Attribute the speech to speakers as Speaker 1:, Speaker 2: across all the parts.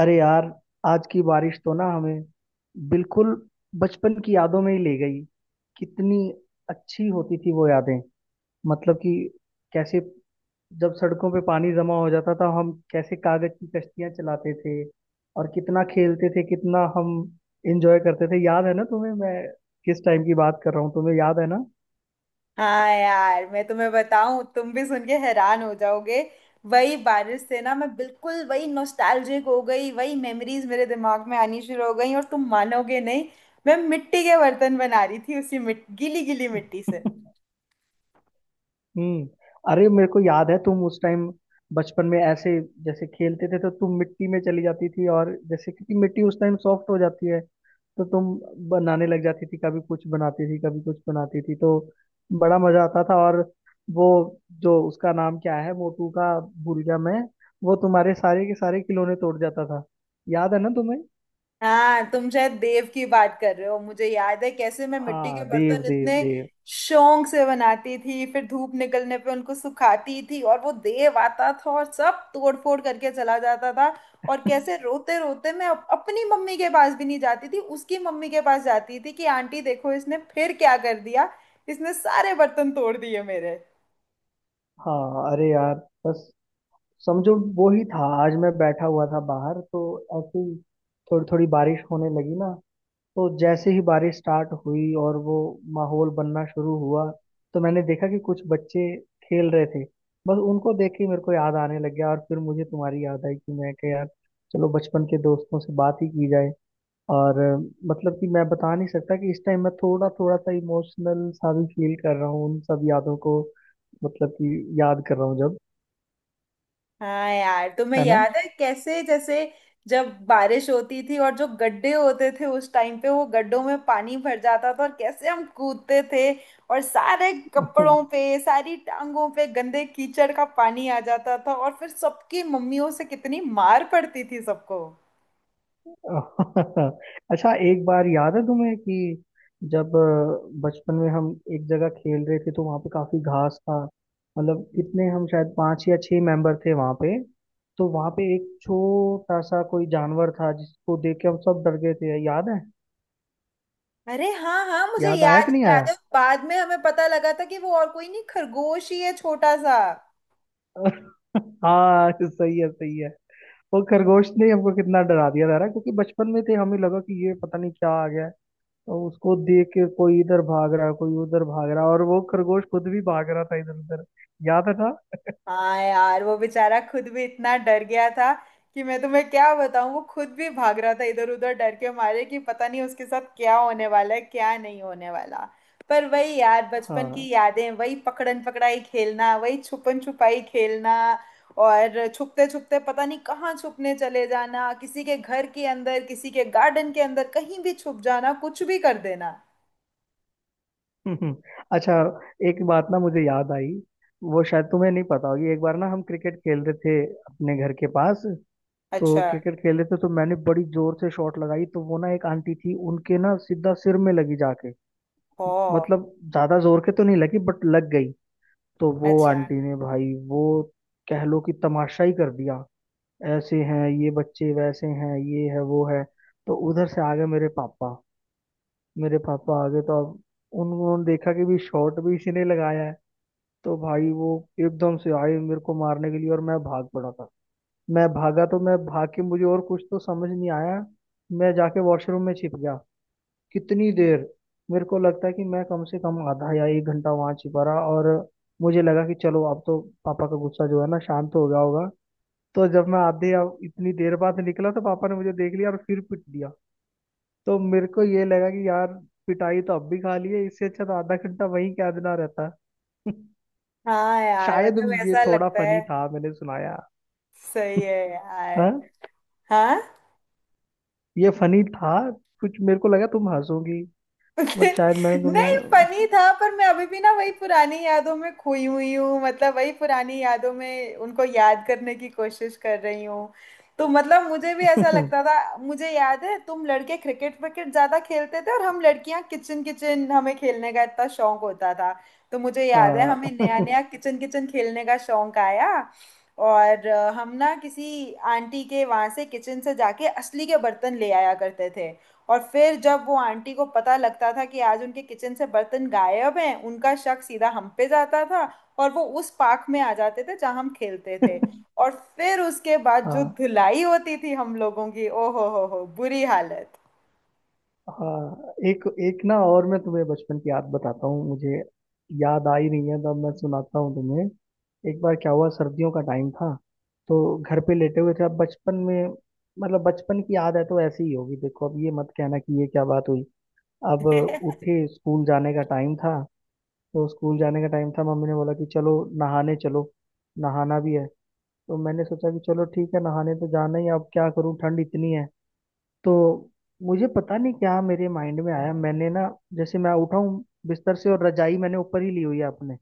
Speaker 1: अरे यार, आज की बारिश तो ना हमें बिल्कुल बचपन की यादों में ही ले गई। कितनी अच्छी होती थी वो यादें। मतलब कि कैसे जब सड़कों पे पानी जमा हो जाता था हम कैसे कागज की कश्तियां चलाते थे, और कितना खेलते थे, कितना हम एंजॉय करते थे। याद है ना तुम्हें मैं किस टाइम की बात कर रहा हूँ, तुम्हें याद है ना?
Speaker 2: हाँ यार, मैं तुम्हें बताऊं, तुम भी सुन के हैरान हो जाओगे। वही बारिश से ना, मैं बिल्कुल वही नॉस्टैल्जिक हो गई, वही मेमोरीज मेरे दिमाग में आनी शुरू हो गई और तुम मानोगे नहीं। मैं मिट्टी के बर्तन बना रही थी उसी गीली गीली मिट्टी से।
Speaker 1: हम्म। अरे मेरे को याद है तुम उस टाइम बचपन में ऐसे, जैसे खेलते थे तो तुम मिट्टी में चली जाती थी, और जैसे क्योंकि मिट्टी उस टाइम सॉफ्ट हो जाती है तो तुम बनाने लग जाती थी। कभी कुछ बनाती थी कभी कुछ बनाती थी, तो बड़ा मजा आता था। और वो, जो उसका नाम क्या है, मोटू का, भूल गया मैं। वो तुम्हारे सारे के सारे खिलौने तोड़ जाता था। याद है ना तुम्हें?
Speaker 2: हाँ, तुम शायद देव की बात कर रहे हो। मुझे याद है कैसे मैं मिट्टी के
Speaker 1: हाँ देव,
Speaker 2: बर्तन
Speaker 1: देव,
Speaker 2: इतने
Speaker 1: देव।
Speaker 2: शौक से बनाती थी, फिर धूप निकलने पे उनको सुखाती थी और वो देव आता था और सब तोड़ फोड़ करके चला जाता था। और कैसे रोते रोते मैं अपनी मम्मी के पास भी नहीं जाती थी, उसकी मम्मी के पास जाती थी कि आंटी देखो इसने फिर क्या कर दिया, इसने सारे बर्तन तोड़ दिए मेरे।
Speaker 1: हाँ अरे यार, बस समझो वो ही था। आज मैं बैठा हुआ था बाहर तो ऐसे ही थोड़ी थोड़ी बारिश होने लगी ना। तो जैसे ही बारिश स्टार्ट हुई और वो माहौल बनना शुरू हुआ तो मैंने देखा कि कुछ बच्चे खेल रहे थे। बस उनको देख के मेरे को याद आने लग गया, और फिर मुझे तुम्हारी याद आई कि मैं कह, यार चलो बचपन के दोस्तों से बात ही की जाए। और मतलब कि मैं बता नहीं सकता कि इस टाइम मैं थोड़ा थोड़ा सा इमोशनल सा भी फील कर रहा हूँ उन सब यादों को। मतलब कि याद कर रहा हूँ जब,
Speaker 2: हाँ यार, तुम्हें
Speaker 1: है
Speaker 2: याद है कैसे जैसे जब बारिश होती थी और जो गड्ढे होते थे उस टाइम पे, वो गड्ढों में पानी भर जाता था और कैसे हम कूदते थे, और सारे
Speaker 1: ना।
Speaker 2: कपड़ों पे सारी टांगों पे गंदे कीचड़ का पानी आ जाता था, और फिर सबकी मम्मियों से कितनी मार पड़ती थी सबको।
Speaker 1: अच्छा, एक बार याद है तुम्हें कि जब बचपन में हम एक जगह खेल रहे थे तो वहां पे काफी घास था। मतलब कितने हम, शायद पांच या छह मेंबर थे वहां पे। तो वहां पे एक छोटा सा कोई जानवर था जिसको देख के हम सब डर गए थे, याद है?
Speaker 2: अरे हाँ हाँ, मुझे
Speaker 1: याद आया कि नहीं आया?
Speaker 2: याद है बाद में हमें पता लगा था कि वो और कोई नहीं, खरगोश ही है छोटा सा।
Speaker 1: हाँ, सही है, सही है। वो खरगोश ने हमको कितना डरा दिया था ना, क्योंकि बचपन में थे हमें लगा कि ये पता नहीं क्या आ गया है। तो उसको देख के कोई इधर भाग रहा, कोई उधर भाग रहा, और वो खरगोश खुद भी भाग रहा था इधर उधर। याद था?
Speaker 2: हाँ यार, वो बेचारा खुद भी इतना डर गया था कि मैं तुम्हें क्या बताऊं। वो खुद भी भाग रहा था इधर उधर डर के मारे कि पता नहीं उसके साथ क्या होने वाला है क्या नहीं होने वाला। पर वही यार, बचपन की
Speaker 1: हाँ।
Speaker 2: यादें, वही पकड़न पकड़ाई खेलना, वही छुपन छुपाई खेलना, और छुपते छुपते पता नहीं कहाँ छुपने चले जाना, किसी के घर के अंदर, किसी के गार्डन के अंदर, कहीं भी छुप जाना, कुछ भी कर देना।
Speaker 1: अच्छा, एक बात ना मुझे याद आई, वो शायद तुम्हें नहीं पता होगी। एक बार ना हम क्रिकेट खेल रहे थे अपने घर के पास। तो
Speaker 2: अच्छा।
Speaker 1: क्रिकेट खेल रहे थे तो मैंने बड़ी जोर से शॉट लगाई, तो वो ना एक आंटी थी, उनके ना सीधा सिर में लगी जाके।
Speaker 2: ओ।
Speaker 1: मतलब ज्यादा जोर के तो नहीं लगी, बट लग गई। तो वो
Speaker 2: अच्छा।
Speaker 1: आंटी ने भाई वो, कह लो कि तमाशा ही कर दिया। ऐसे हैं ये बच्चे, वैसे हैं ये, है वो है। तो उधर से आ गए मेरे पापा। मेरे पापा आ गए तो अब उन्होंने देखा कि भी शॉट भी इसी ने लगाया है। तो भाई वो, एकदम से आए मेरे को मारने के लिए, और मैं भाग पड़ा था। मैं भागा तो मैं भाग के, मुझे और कुछ तो समझ नहीं आया, मैं जाके वॉशरूम में छिप गया। कितनी देर, मेरे को लगता है कि मैं कम से कम आधा या एक घंटा वहां छिपा रहा। और मुझे लगा कि चलो अब तो पापा का गुस्सा जो है ना शांत हो गया होगा। तो जब मैं आधे, अब इतनी देर बाद निकला, तो पापा ने मुझे देख लिया और फिर पीट दिया। तो मेरे को ये लगा कि यार, पिटाई तो अब भी खा ली है, इससे अच्छा तो आधा घंटा वहीं क्या देना रहता।
Speaker 2: हाँ यार,
Speaker 1: शायद
Speaker 2: मतलब
Speaker 1: ये
Speaker 2: ऐसा
Speaker 1: थोड़ा
Speaker 2: लगता है।
Speaker 1: फनी था मैंने सुनाया।
Speaker 2: सही है
Speaker 1: हाँ,
Speaker 2: यार। हाँ।
Speaker 1: ये फनी था, कुछ मेरे को लगा तुम हंसोगी, बट शायद मैंने
Speaker 2: नहीं,
Speaker 1: तुम्हें।
Speaker 2: फनी था, पर मैं अभी भी ना वही पुरानी यादों में खोई हुई हूँ। मतलब वही पुरानी यादों में उनको याद करने की कोशिश कर रही हूँ। तो मतलब मुझे भी ऐसा लगता था। मुझे याद है तुम लड़के क्रिकेट विकेट ज्यादा खेलते थे और हम लड़कियां किचन किचन, हमें खेलने का इतना शौक होता था। तो मुझे याद है हमें नया
Speaker 1: हाँ।
Speaker 2: नया किचन किचन खेलने का शौक आया। और हम ना किसी आंटी के वहां से, किचन से जाके असली के बर्तन ले आया करते थे। और फिर जब वो आंटी को पता लगता था कि आज उनके किचन से बर्तन गायब हैं, उनका शक सीधा हम पे जाता था, और वो उस पार्क में आ जाते थे जहां हम खेलते थे। और फिर उसके बाद जो
Speaker 1: हाँ,
Speaker 2: धुलाई होती थी हम लोगों की, ओ हो, बुरी हालत।
Speaker 1: हाँ। एक एक ना, और मैं तुम्हें बचपन की याद बताता हूँ। मुझे याद आ ही नहीं है, तब मैं सुनाता हूँ तुम्हें। एक बार क्या हुआ, सर्दियों का टाइम था। तो घर पे लेटे हुए थे, अब बचपन में, मतलब बचपन की याद है तो ऐसी ही होगी, देखो अब ये मत कहना कि ये क्या बात हुई। अब उठे, स्कूल जाने का टाइम था। तो स्कूल जाने का टाइम था, मम्मी ने बोला कि चलो नहाने चलो, नहाना भी है। तो मैंने सोचा कि चलो ठीक है, नहाने तो जाना ही है, अब क्या करूँ, ठंड इतनी है। तो मुझे पता नहीं क्या मेरे माइंड में आया, मैंने ना जैसे मैं उठा हूँ बिस्तर से, और रजाई मैंने ऊपर ही ली हुई है अपने,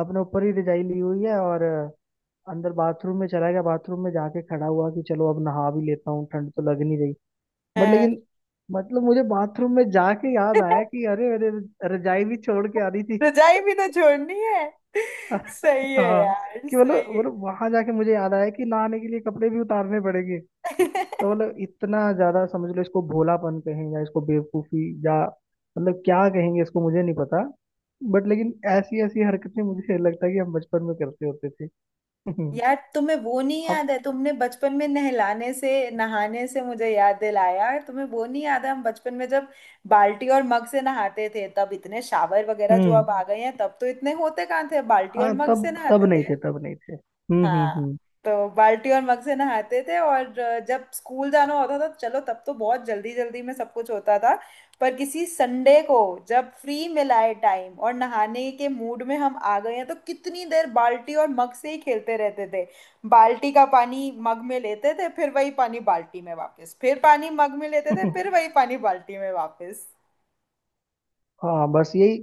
Speaker 1: अपने ऊपर ही रजाई ली हुई है, और अंदर बाथरूम में चला गया। बाथरूम में जाके खड़ा हुआ कि चलो अब नहा भी लेता हूँ, ठंड तो लग नहीं रही। बट
Speaker 2: अ,
Speaker 1: लेकिन, मतलब मुझे बाथरूम में जाके याद आया कि अरे अरे, रजाई भी छोड़ के आ रही थी।
Speaker 2: रजाई भी तो छोड़नी है। सही है
Speaker 1: हाँ।
Speaker 2: यार,
Speaker 1: कि मतलब
Speaker 2: सही
Speaker 1: मतलब वहां जाके मुझे याद आया कि नहाने के लिए कपड़े भी उतारने पड़ेंगे।
Speaker 2: है।
Speaker 1: तो मतलब इतना ज्यादा, समझ लो इसको भोलापन कहें या इसको बेवकूफी, या मतलब क्या कहेंगे इसको, मुझे नहीं पता। बट लेकिन ऐसी ऐसी हरकतें मुझे लगता है कि हम बचपन में करते होते थे।
Speaker 2: यार, तुम्हें वो नहीं
Speaker 1: अब
Speaker 2: याद है? तुमने बचपन में नहलाने से, नहाने से मुझे याद दिलाया। तुम्हें वो नहीं याद है हम बचपन में जब बाल्टी और मग से नहाते थे? तब इतने शावर वगैरह जो
Speaker 1: हम्म।
Speaker 2: अब आ गए हैं, तब तो इतने होते कहाँ थे। बाल्टी और
Speaker 1: हाँ
Speaker 2: मग से
Speaker 1: तब, तब
Speaker 2: नहाते
Speaker 1: नहीं
Speaker 2: थे।
Speaker 1: थे, तब नहीं थे। हम्म,
Speaker 2: हाँ।
Speaker 1: हम्म,
Speaker 2: तो बाल्टी और मग से नहाते थे, और जब स्कूल जाना होता था, चलो तब तो बहुत जल्दी जल्दी में सब कुछ होता था। पर किसी संडे को, जब फ्री मिला है टाइम और नहाने के मूड में हम आ गए हैं, तो कितनी देर बाल्टी और मग से ही खेलते रहते थे। बाल्टी का पानी मग में लेते थे, फिर वही पानी बाल्टी में वापस, फिर पानी मग में लेते थे,
Speaker 1: हम्म।
Speaker 2: फिर वही पानी बाल्टी में वापस।
Speaker 1: हाँ, बस यही,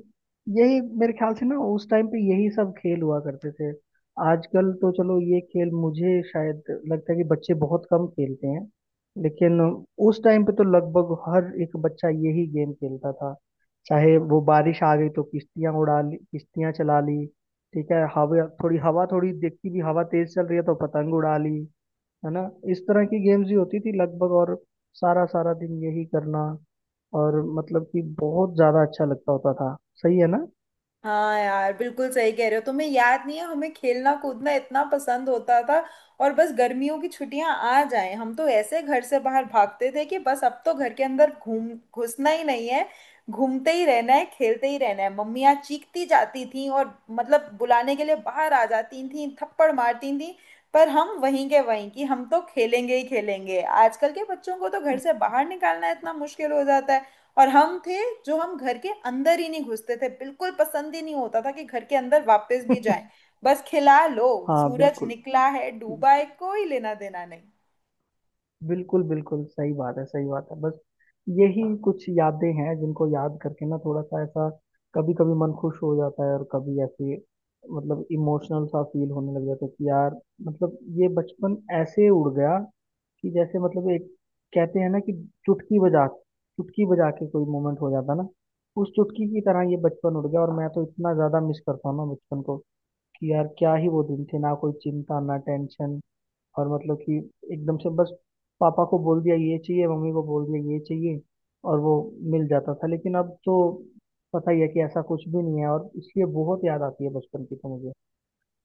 Speaker 1: यही मेरे ख्याल से ना उस टाइम पे यही सब खेल हुआ करते थे। आजकल तो चलो ये खेल मुझे शायद लगता है कि बच्चे बहुत कम खेलते हैं। लेकिन उस टाइम पे तो लगभग हर एक बच्चा यही गेम खेलता था। चाहे वो बारिश आ गई तो किश्तियां उड़ा ली, किश्तियां चला ली। ठीक है, हवा थोड़ी, हवा थोड़ी देखती भी, हवा तेज चल रही है तो पतंग उड़ा ली, है ना। इस तरह की गेम्स ही होती थी लगभग। और सारा सारा दिन यही करना, और मतलब कि बहुत ज्यादा अच्छा लगता होता था। सही है ना?
Speaker 2: हाँ यार, बिल्कुल सही कह रहे हो। तुम्हें याद नहीं है हमें खेलना कूदना इतना पसंद होता था? और बस गर्मियों की छुट्टियां आ जाएं, हम तो ऐसे घर से बाहर भागते थे कि बस अब तो घर के अंदर घूम घुसना ही नहीं है, घूमते ही रहना है, खेलते ही रहना है। मम्मियाँ चीखती जाती थी और मतलब बुलाने के लिए बाहर आ जाती थी, थप्पड़ मारती थी, पर हम वहीं के वहीं कि हम तो खेलेंगे ही खेलेंगे। आजकल के बच्चों को तो घर से बाहर निकालना इतना मुश्किल हो जाता है, और हम थे जो हम घर के अंदर ही नहीं घुसते थे। बिल्कुल पसंद ही नहीं होता था कि घर के अंदर वापस भी जाएं। बस खिला लो,
Speaker 1: हाँ
Speaker 2: सूरज
Speaker 1: बिल्कुल,
Speaker 2: निकला है डूबा है कोई लेना देना नहीं।
Speaker 1: बिल्कुल, बिल्कुल सही बात है, सही बात है। बस यही कुछ यादें हैं जिनको याद करके ना थोड़ा सा ऐसा, कभी कभी मन खुश हो जाता है, और कभी ऐसे मतलब इमोशनल सा फील होने लग जाता है कि यार, मतलब ये बचपन ऐसे उड़ गया। कि जैसे मतलब एक, कहते हैं ना कि चुटकी बजा, चुटकी बजा के कोई मोमेंट हो जाता ना, उस चुटकी की तरह ये बचपन उड़ गया, और मैं तो इतना ज्यादा मिस करता हूँ ना बचपन को। कि यार क्या ही वो दिन थे ना, कोई चिंता ना टेंशन। और मतलब कि एकदम से बस पापा को बोल दिया ये चाहिए, मम्मी को बोल दिया ये चाहिए, और वो मिल जाता था। लेकिन अब तो पता ही है कि ऐसा कुछ भी नहीं है, और इसलिए बहुत याद आती है बचपन की तो मुझे।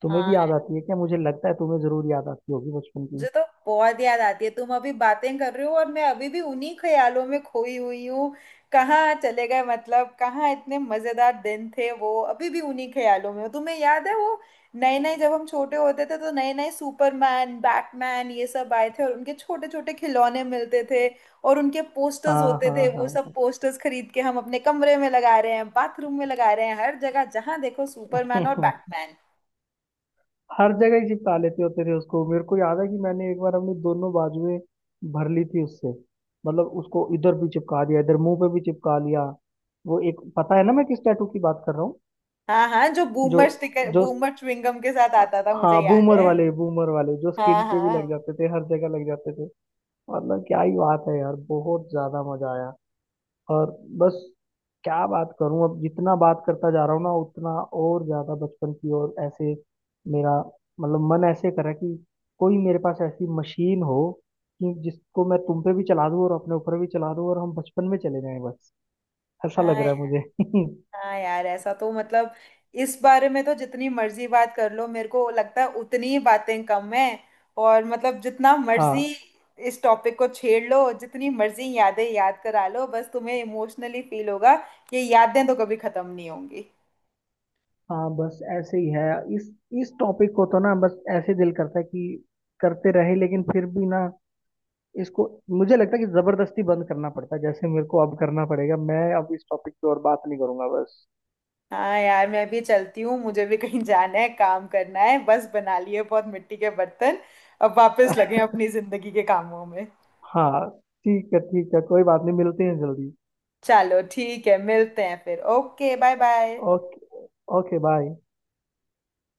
Speaker 1: तुम्हें भी याद आती है क्या? मुझे लगता है तुम्हें जरूर याद आती होगी बचपन की।
Speaker 2: मुझे तो बहुत याद आती है। तुम अभी बातें कर रहे हो और मैं अभी भी उन्हीं ख्यालों में खोई हुई हूँ कहाँ चले गए, मतलब कहाँ इतने मजेदार दिन थे वो। अभी भी उन्हीं ख्यालों में हूँ। तुम्हें याद है वो नए नए, जब हम छोटे होते थे तो नए नए सुपरमैन बैटमैन ये सब आए थे, और उनके छोटे छोटे खिलौने मिलते थे, और उनके पोस्टर्स
Speaker 1: हाँ,
Speaker 2: होते थे। वो सब
Speaker 1: हाँ,
Speaker 2: पोस्टर्स खरीद के हम अपने कमरे में लगा रहे हैं, बाथरूम में लगा रहे हैं, हर जगह जहाँ देखो सुपरमैन और
Speaker 1: हाँ।
Speaker 2: बैटमैन।
Speaker 1: हर जगह ही चिपका लेते हो तेरे उसको। मेरे को याद है कि मैंने एक बार अपनी दोनों बाजुएं भर ली थी उससे। मतलब उसको इधर भी चिपका दिया, इधर मुंह पे भी चिपका लिया। वो एक, पता है ना मैं किस टैटू की बात कर रहा हूँ?
Speaker 2: हाँ हाँ, जो
Speaker 1: जो,
Speaker 2: बूमर स्टिकर,
Speaker 1: जो,
Speaker 2: बूमर च्युइंगम के साथ आता था, मुझे
Speaker 1: हाँ,
Speaker 2: याद
Speaker 1: बूमर
Speaker 2: है।
Speaker 1: वाले, बूमर वाले जो
Speaker 2: हाँ
Speaker 1: स्किन पे भी लग
Speaker 2: हाँ।
Speaker 1: जाते थे, हर जगह लग जाते थे। मतलब क्या ही बात है यार, बहुत ज्यादा मजा आया। और बस, क्या बात करूं, अब जितना बात करता जा रहा हूँ ना उतना और ज्यादा बचपन की ओर ऐसे मेरा, मतलब मन ऐसे कर रहा है कि कोई मेरे पास ऐसी मशीन हो कि जिसको मैं तुम पे भी चला दूं और अपने ऊपर भी चला दूं, और हम बचपन में चले जाएं, बस ऐसा लग
Speaker 2: हाँ
Speaker 1: रहा है मुझे।
Speaker 2: हाँ यार, ऐसा तो मतलब, इस बारे में तो जितनी मर्जी बात कर लो, मेरे को लगता है उतनी ही बातें कम है। और मतलब जितना
Speaker 1: हाँ,
Speaker 2: मर्जी इस टॉपिक को छेड़ लो, जितनी मर्जी यादें याद करा लो, बस तुम्हें इमोशनली फील होगा। ये यादें तो कभी खत्म नहीं होंगी।
Speaker 1: हाँ। बस ऐसे ही है। इस इस टॉपिक को तो ना बस ऐसे दिल करता है कि करते रहे, लेकिन फिर भी ना, इसको मुझे लगता है कि जबरदस्ती बंद करना पड़ता है, जैसे मेरे को अब करना पड़ेगा। मैं अब इस टॉपिक पे और बात नहीं करूंगा, बस।
Speaker 2: हाँ यार, मैं भी चलती हूँ, मुझे भी कहीं जाना है, काम करना है। बस, बना लिए बहुत मिट्टी के बर्तन, अब वापस लगे हैं अपनी जिंदगी के कामों में।
Speaker 1: हाँ, ठीक है, ठीक है, कोई बात नहीं, मिलते हैं जल्दी।
Speaker 2: चलो ठीक है, मिलते हैं फिर। Okay, bye bye.
Speaker 1: Okay. Okay bye.